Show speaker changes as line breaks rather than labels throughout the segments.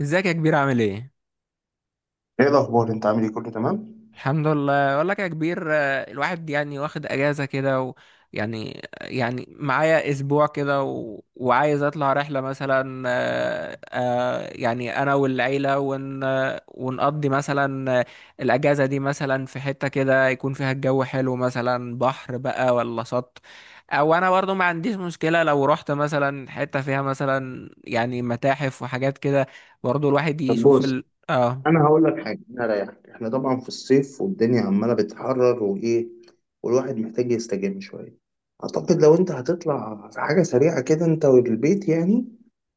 ازيك يا كبير؟ عامل ايه؟
ايه الاخبار؟ انت عامل ايه؟ كله تمام؟
الحمد لله. اقول لك يا كبير، الواحد يعني واخد اجازه كده و... يعني آه، يعني معايا اسبوع كده وعايز اطلع رحله مثلا، يعني انا والعيله ون... آه، ونقضي مثلا، الاجازه دي مثلا في حته كده يكون فيها الجو حلو، مثلا بحر بقى ولا شط، او انا برضو ما عنديش مشكله لو رحت مثلا حته فيها مثلا يعني متاحف وحاجات كده. برضو الواحد
طب
يشوف
بص،
ال... اه
انا هقول لك حاجه. انا رايحك، احنا طبعا في الصيف والدنيا عماله بتحرر وايه، والواحد محتاج يستجم شويه. اعتقد لو انت هتطلع في حاجه سريعه كده انت والبيت يعني،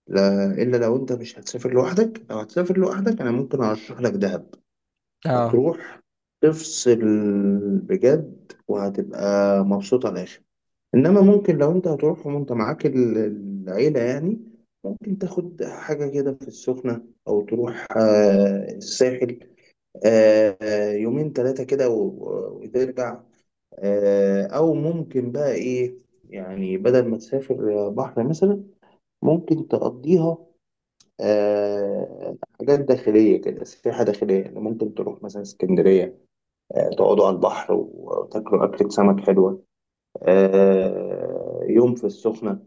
لا الا لو انت مش هتسافر لوحدك. لو هتسافر لوحدك انا ممكن ارشح لك دهب.
اه
هتروح تفصل بجد، وهتبقى مبسوط على الاخر. انما ممكن لو انت هتروح وانت معاك العيله يعني، ممكن تاخد حاجه كده في السخنه، او تروح الساحل. يومين ثلاثه كده وترجع. او ممكن بقى ايه، يعني بدل ما تسافر بحر مثلا، ممكن تقضيها حاجات داخليه كده، سياحه داخليه. يعني ممكن تروح مثلا اسكندريه، تقعدوا على البحر وتاكلوا اكله سمك حلوه. يوم في السخنه،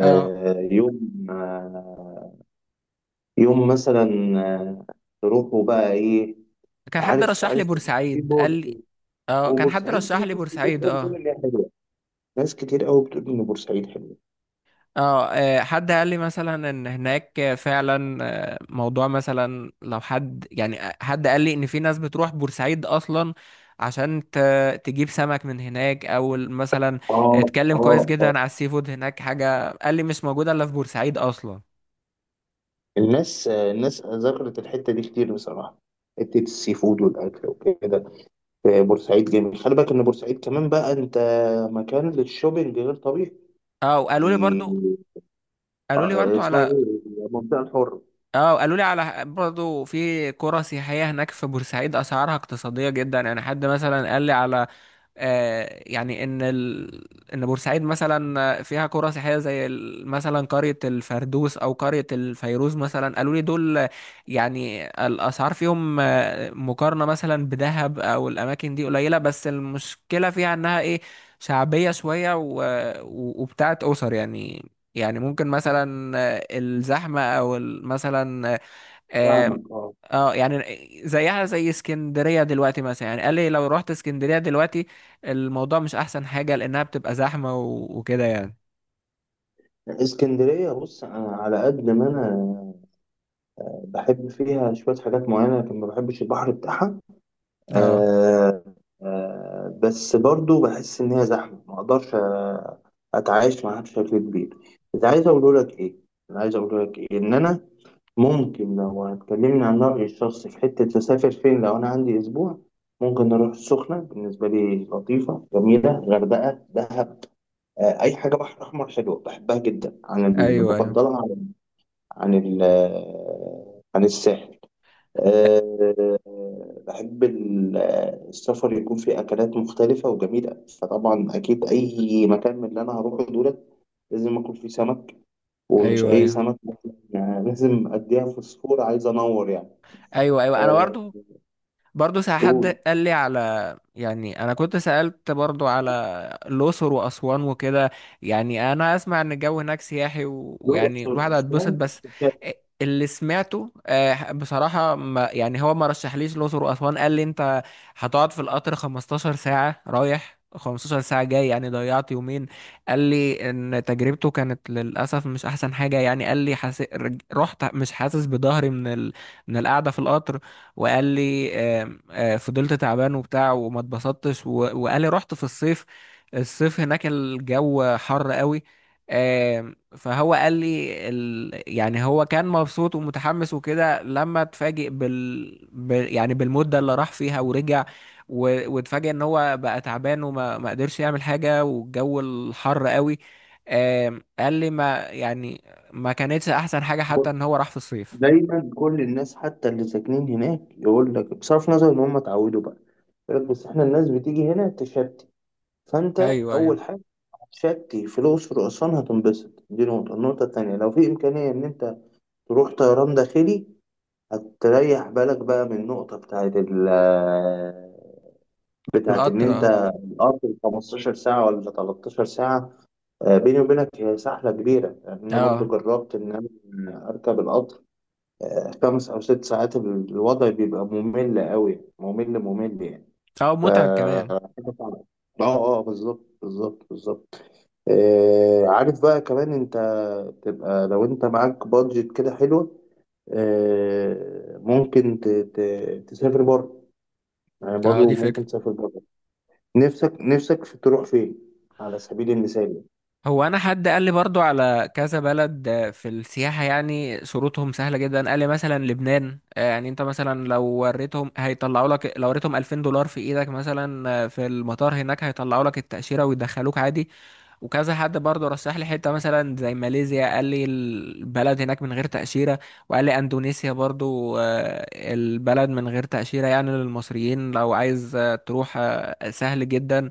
اه
يوم، آه، يوم مثلا، آه، تروحوا بقى ايه.
كان حد
عارف،
رشح لي
عارف. في
بورسعيد، قال
بور-
لي. اه، كان حد
وبورسعيد في
رشح لي
ناس كتير
بورسعيد،
قوي بتقول
اه.
ان هي حلوه. ناس كتير قوي بتقول ان بورسعيد حلوه.
اه، حد قال لي مثلا ان هناك فعلا، موضوع مثلا لو حد يعني، حد قال لي ان في ناس بتروح بورسعيد اصلا عشان تجيب سمك من هناك، او مثلا
اه
اتكلم كويس
اه
جدا
اه.
على السي فود هناك. حاجة قال لي مش موجودة الا في بورسعيد اصلا.
الناس، الناس ذكرت الحته دي كتير بصراحه، حته السي فود والاكل وكده. بورسعيد جميل. خلي بالك ان بورسعيد كمان بقى انت مكان للشوبينج غير طبيعي.
اه،
دي
وقالوا لي برضو، قالوا لي برضو
اسمها
على،
ايه؟ المنطقه الحره.
اه قالوا لي على برضه في قرى سياحية هناك في بورسعيد، أسعارها اقتصادية جدا. يعني حد مثلا قال لي على، يعني ان ان بورسعيد مثلا فيها قرى سياحيه زي مثلا قريه الفردوس او قريه الفيروز مثلا، قالوا لي دول يعني الاسعار فيهم، مقارنه مثلا بدهب او الاماكن دي، قليله. بس المشكله فيها انها ايه؟ شعبيه شويه وبتاعت اسر يعني. يعني ممكن مثلا، الزحمه او مثلا، آه،
فاهمك، اه.
اه يعني زيها زي اسكندرية دلوقتي مثلا. يعني قال لي لو رحت اسكندرية دلوقتي الموضوع مش احسن حاجة، لانها بتبقى زحمة وكده يعني.
اسكندرية، بص، أنا على قد ما أنا بحب فيها شوية حاجات معينة، لكن ما بحبش البحر بتاعها.
اه،
آه، آه، بس برضو بحس إن هي زحمة، ما أقدرش أتعايش معاها بشكل كبير. بس عايز أقول لك إيه، أنا عايز أقول لك إيه، إن أنا ممكن لو هتكلمني عن رأيي الشخصي في حتة أسافر فين لو أنا عندي أسبوع، ممكن أروح السخنة. بالنسبة لي لطيفة جميلة، غردقة، دهب، أي حاجة بحر أحمر حلوة، بحبها جدا عن اللي
ايوه ايوه.
بفضلها، عن عن الساحل. آه، بحب السفر يكون فيه أكلات مختلفة وجميلة. فطبعا أكيد أي مكان من اللي أنا هروحه دولت لازم آكل فيه سمك، ومش
ايوه
أي
ايوه.
سمك. يعني لازم أديها فوسفور، عايز أنور يعني.
ايوه ايوه، انا
آه،
برضو برضه. ساعة حد
دول
قال لي على، يعني انا كنت سألت برضه على الأقصر وأسوان وكده. يعني انا اسمع ان الجو هناك سياحي ويعني
الأقصر،
الواحد هيتبسط.
أسوان.
بس اللي سمعته، بصراحة، ما يعني هو ما رشحليش الأقصر وأسوان. قال لي انت هتقعد في القطر 15 ساعة رايح، 15 ساعة جاي، يعني ضيعت يومين. قال لي ان تجربته كانت للأسف مش احسن حاجة. يعني قال لي رحت مش حاسس بظهري من من القعدة في القطر. وقال لي، آم، آه، فضلت تعبان وبتاع وما اتبسطتش وقال لي رحت في الصيف. الصيف هناك الجو حر قوي. فهو قال لي يعني هو كان مبسوط ومتحمس وكده، لما اتفاجئ يعني بالمدة اللي راح فيها ورجع، واتفاجئ ان هو بقى تعبان وما ما قدرش يعمل حاجة، والجو الحر قوي. قال لي ما يعني ما كانتش احسن حاجة، حتى ان
بص،
هو راح في الصيف.
دايما كل الناس حتى اللي ساكنين هناك يقول لك، بصرف نظر إن هم اتعودوا بقى، يقول لك بس إحنا الناس بتيجي هنا تشتي. فأنت
ايوه ايوه.
أول حاجة شكي فلوس في الأقصر وأسوان هتنبسط، دي نقطة. النقطة التانية، لو في إمكانية إن أنت تروح طيران داخلي، هتريح بالك بقى من النقطة بتاعت ال آه، بتاعت إن
القطر، اه.
أنت القطر 15 ساعة ولا 13 ساعة. بيني وبينك هي سحلة كبيرة يعني. أنا برضو
اه
جربت إن أنا أركب القطر خمس أو ست ساعات، الوضع بيبقى ممل أوي، ممل ممل يعني.
اه،
ف
متعب كمان.
حاجة صعبة. اه، اه، بالظبط، بالظبط، بالظبط. عارف بقى، كمان انت تبقى لو انت معاك بادجت كده حلوة، ممكن تسافر بره. يعني
اه،
برضه
دي فكرة.
ممكن تسافر بره. نفسك، نفسك في تروح فين على سبيل المثال؟
هو انا حد قال لي برضو على كذا بلد، في السياحة يعني شروطهم سهلة جدا. قال لي مثلا لبنان، يعني انت مثلا لو وريتهم هيطلعوا لك، لو وريتهم 2000 دولار في ايدك مثلا، في المطار هناك هيطلعوا لك التأشيرة ويدخلوك عادي. وكذا حد برضه رشح لي حته مثلا زي ماليزيا، قال لي البلد هناك من غير تأشيرة. وقال لي اندونيسيا برضه، البلد من غير تأشيرة، يعني للمصريين لو عايز، تروح، سهل جدا.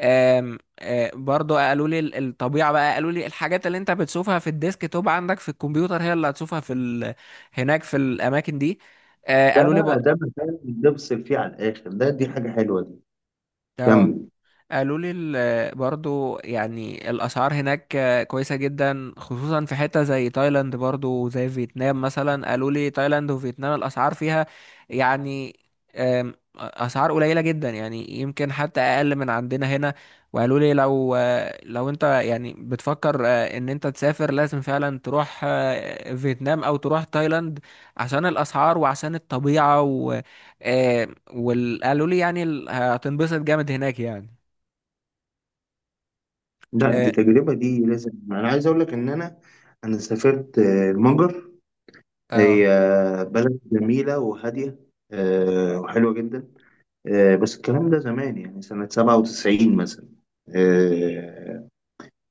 آم، آه، برضو قالوا لي الطبيعة بقى. قالوا لي الحاجات اللي انت بتشوفها في الديسك توب عندك في الكمبيوتر هي اللي هتشوفها في هناك في الأماكن دي.
ده
قالوا لي
بقى ده مكان تفصل فيه على الآخر، ده دي حاجة حلوة دي.
اه
كمل.
قالوا لي برضو يعني الأسعار هناك كويسة جدا، خصوصا في حتة زي تايلاند، برضو زي فيتنام مثلا. قالوا لي تايلاند وفيتنام الأسعار فيها يعني، أسعار قليلة جدا، يعني يمكن حتى أقل من عندنا هنا. وقالوا لي لو أنت يعني بتفكر، إن أنت تسافر، لازم فعلا تروح، فيتنام أو تروح تايلاند، عشان الأسعار وعشان الطبيعة و آه، قالوا لي يعني هتنبسط جامد هناك يعني.
لا، دي
إيه،
تجربة دي لازم. أنا عايز أقول لك إن أنا سافرت المجر.
اه.
هي بلد جميلة وهادية، وحلوة جدا. بس الكلام ده زمان، يعني سنة 97 مثلا. آه،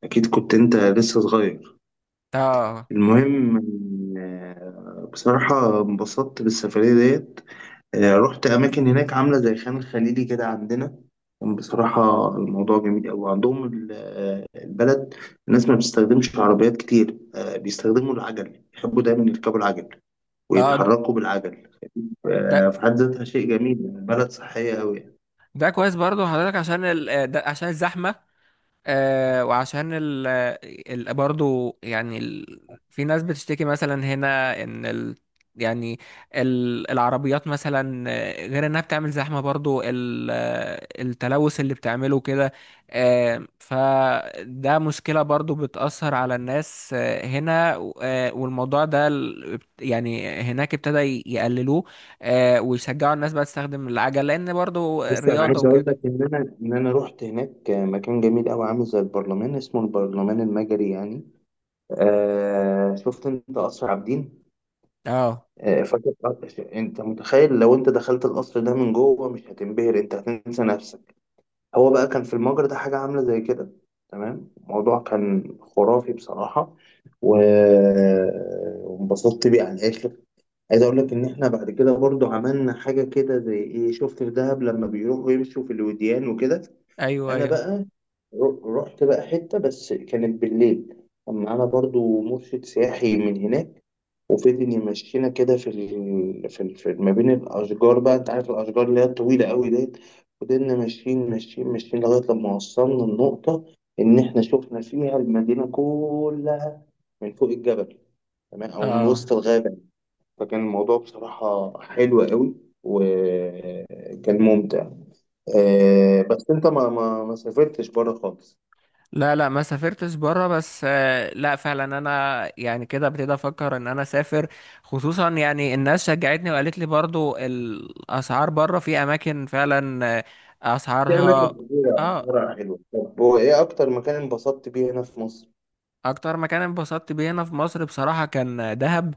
أكيد كنت أنت لسه صغير.
اه
المهم، بصراحة انبسطت بالسفرية ديت. رحت أماكن هناك عاملة زي خان خليلي كده عندنا. كان بصراحة الموضوع جميل أوي. عندهم البلد، الناس ما بتستخدمش عربيات كتير. بيستخدموا العجل، يحبوا دايما يركبوا العجل
اه،
ويتحركوا بالعجل.
ده
في حد ذاتها شيء جميل. البلد صحية أوي.
ده كويس برضو حضرتك، عشان ال... آه، ده عشان الزحمة. آه وعشان ال برضه يعني ال، في ناس بتشتكي مثلا هنا ان ال يعني ال العربيات مثلا، غير انها بتعمل زحمة، برضو ال التلوث اللي بتعمله كده، فده مشكلة برضو بتأثر على الناس، هنا. والموضوع ده يعني هناك ابتدى يقللوه، ويشجعوا الناس بقى تستخدم العجل، لان برضو
لسه انا معاك،
رياضة
عايز اقول
وكده.
لك ان انا رحت هناك مكان جميل قوي عامل زي البرلمان، اسمه البرلمان المجري يعني. آه، شفت انت قصر عابدين؟
اه،
آه، فاكر انت متخيل لو انت دخلت القصر ده من جوه؟ مش هتنبهر؟ انت هتنسى نفسك. هو بقى كان في المجرى ده حاجه عامله زي كده، تمام. الموضوع كان خرافي بصراحه، و- وانبسطت بيه على الاخر. عايز اقول لك ان احنا بعد كده برضو عملنا حاجه كده زي ايه شفت في دهب لما بيروحوا يمشوا في الوديان وكده.
ايوه
انا
ايوه.
بقى رحت بقى حته، بس كانت بالليل. كان معانا برضو مرشد سياحي من هناك، وفضل يمشينا كده في ما بين الاشجار. بقى انت عارف الاشجار اللي هي الطويله قوي ديت. فضلنا ماشيين ماشيين ماشيين لغايه لما وصلنا النقطه ان احنا شفنا فيها المدينه كلها من فوق الجبل، تمام، او من
اه،
وسط الغابه. فكان الموضوع بصراحه حلو قوي، وكان ممتع. آه، بس انت ما سافرتش بره خالص؟
لا لا ما سافرتش بره. بس لا فعلا انا يعني كده ابتدي افكر ان انا اسافر، خصوصا يعني الناس شجعتني وقالت لي برضو الاسعار بره في اماكن فعلا،
في اماكن
اسعارها.
كتيره
اه،
بره حلوه. طب هو ايه اكتر مكان انبسطت بيه هنا في مصر؟
اكتر مكان انبسطت بيه هنا في مصر بصراحة كان دهب.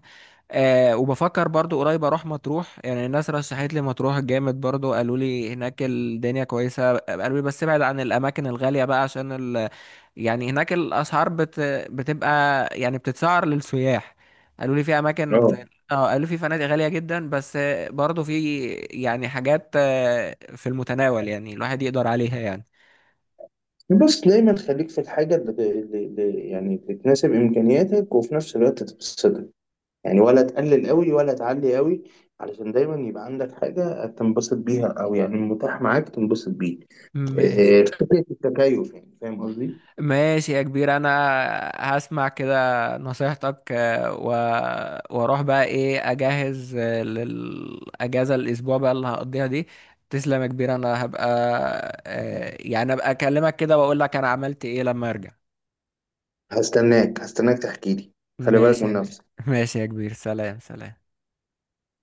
أه، وبفكر برضو قريب اروح مطروح. يعني الناس رشحت لي مطروح جامد برضو. قالوا لي هناك الدنيا كويسة. قالوا لي بس ابعد عن الاماكن الغالية بقى، عشان يعني هناك الاسعار بتبقى يعني بتتسعر للسياح. قالوا لي في اماكن
اه.
زي، اه، قالوا في فنادق غالية جدا، بس برضو في يعني حاجات، في المتناول، يعني الواحد يقدر عليها يعني.
بص، دايما خليك في الحاجه يعني اللي تناسب امكانياتك وفي نفس الوقت تبسطك. يعني ولا تقلل قوي ولا تعلي قوي، علشان دايما يبقى عندك حاجه تنبسط بيها، او يعني متاح معاك تنبسط بيه.
ماشي.
فكره التكيف يعني، فاهم قصدي؟
ماشي يا كبير، انا هسمع كده نصيحتك، واروح بقى ايه اجهز، للاجازه الاسبوع بقى اللي هقضيها دي. تسلم يا كبير. انا هبقى، يعني ابقى اكلمك كده واقول لك انا عملت ايه لما ارجع.
هستناك، هستناك تحكي لي. خلي بالك
ماشي يا
من
كبير.
نفسك.
ماشي يا كبير، سلام سلام.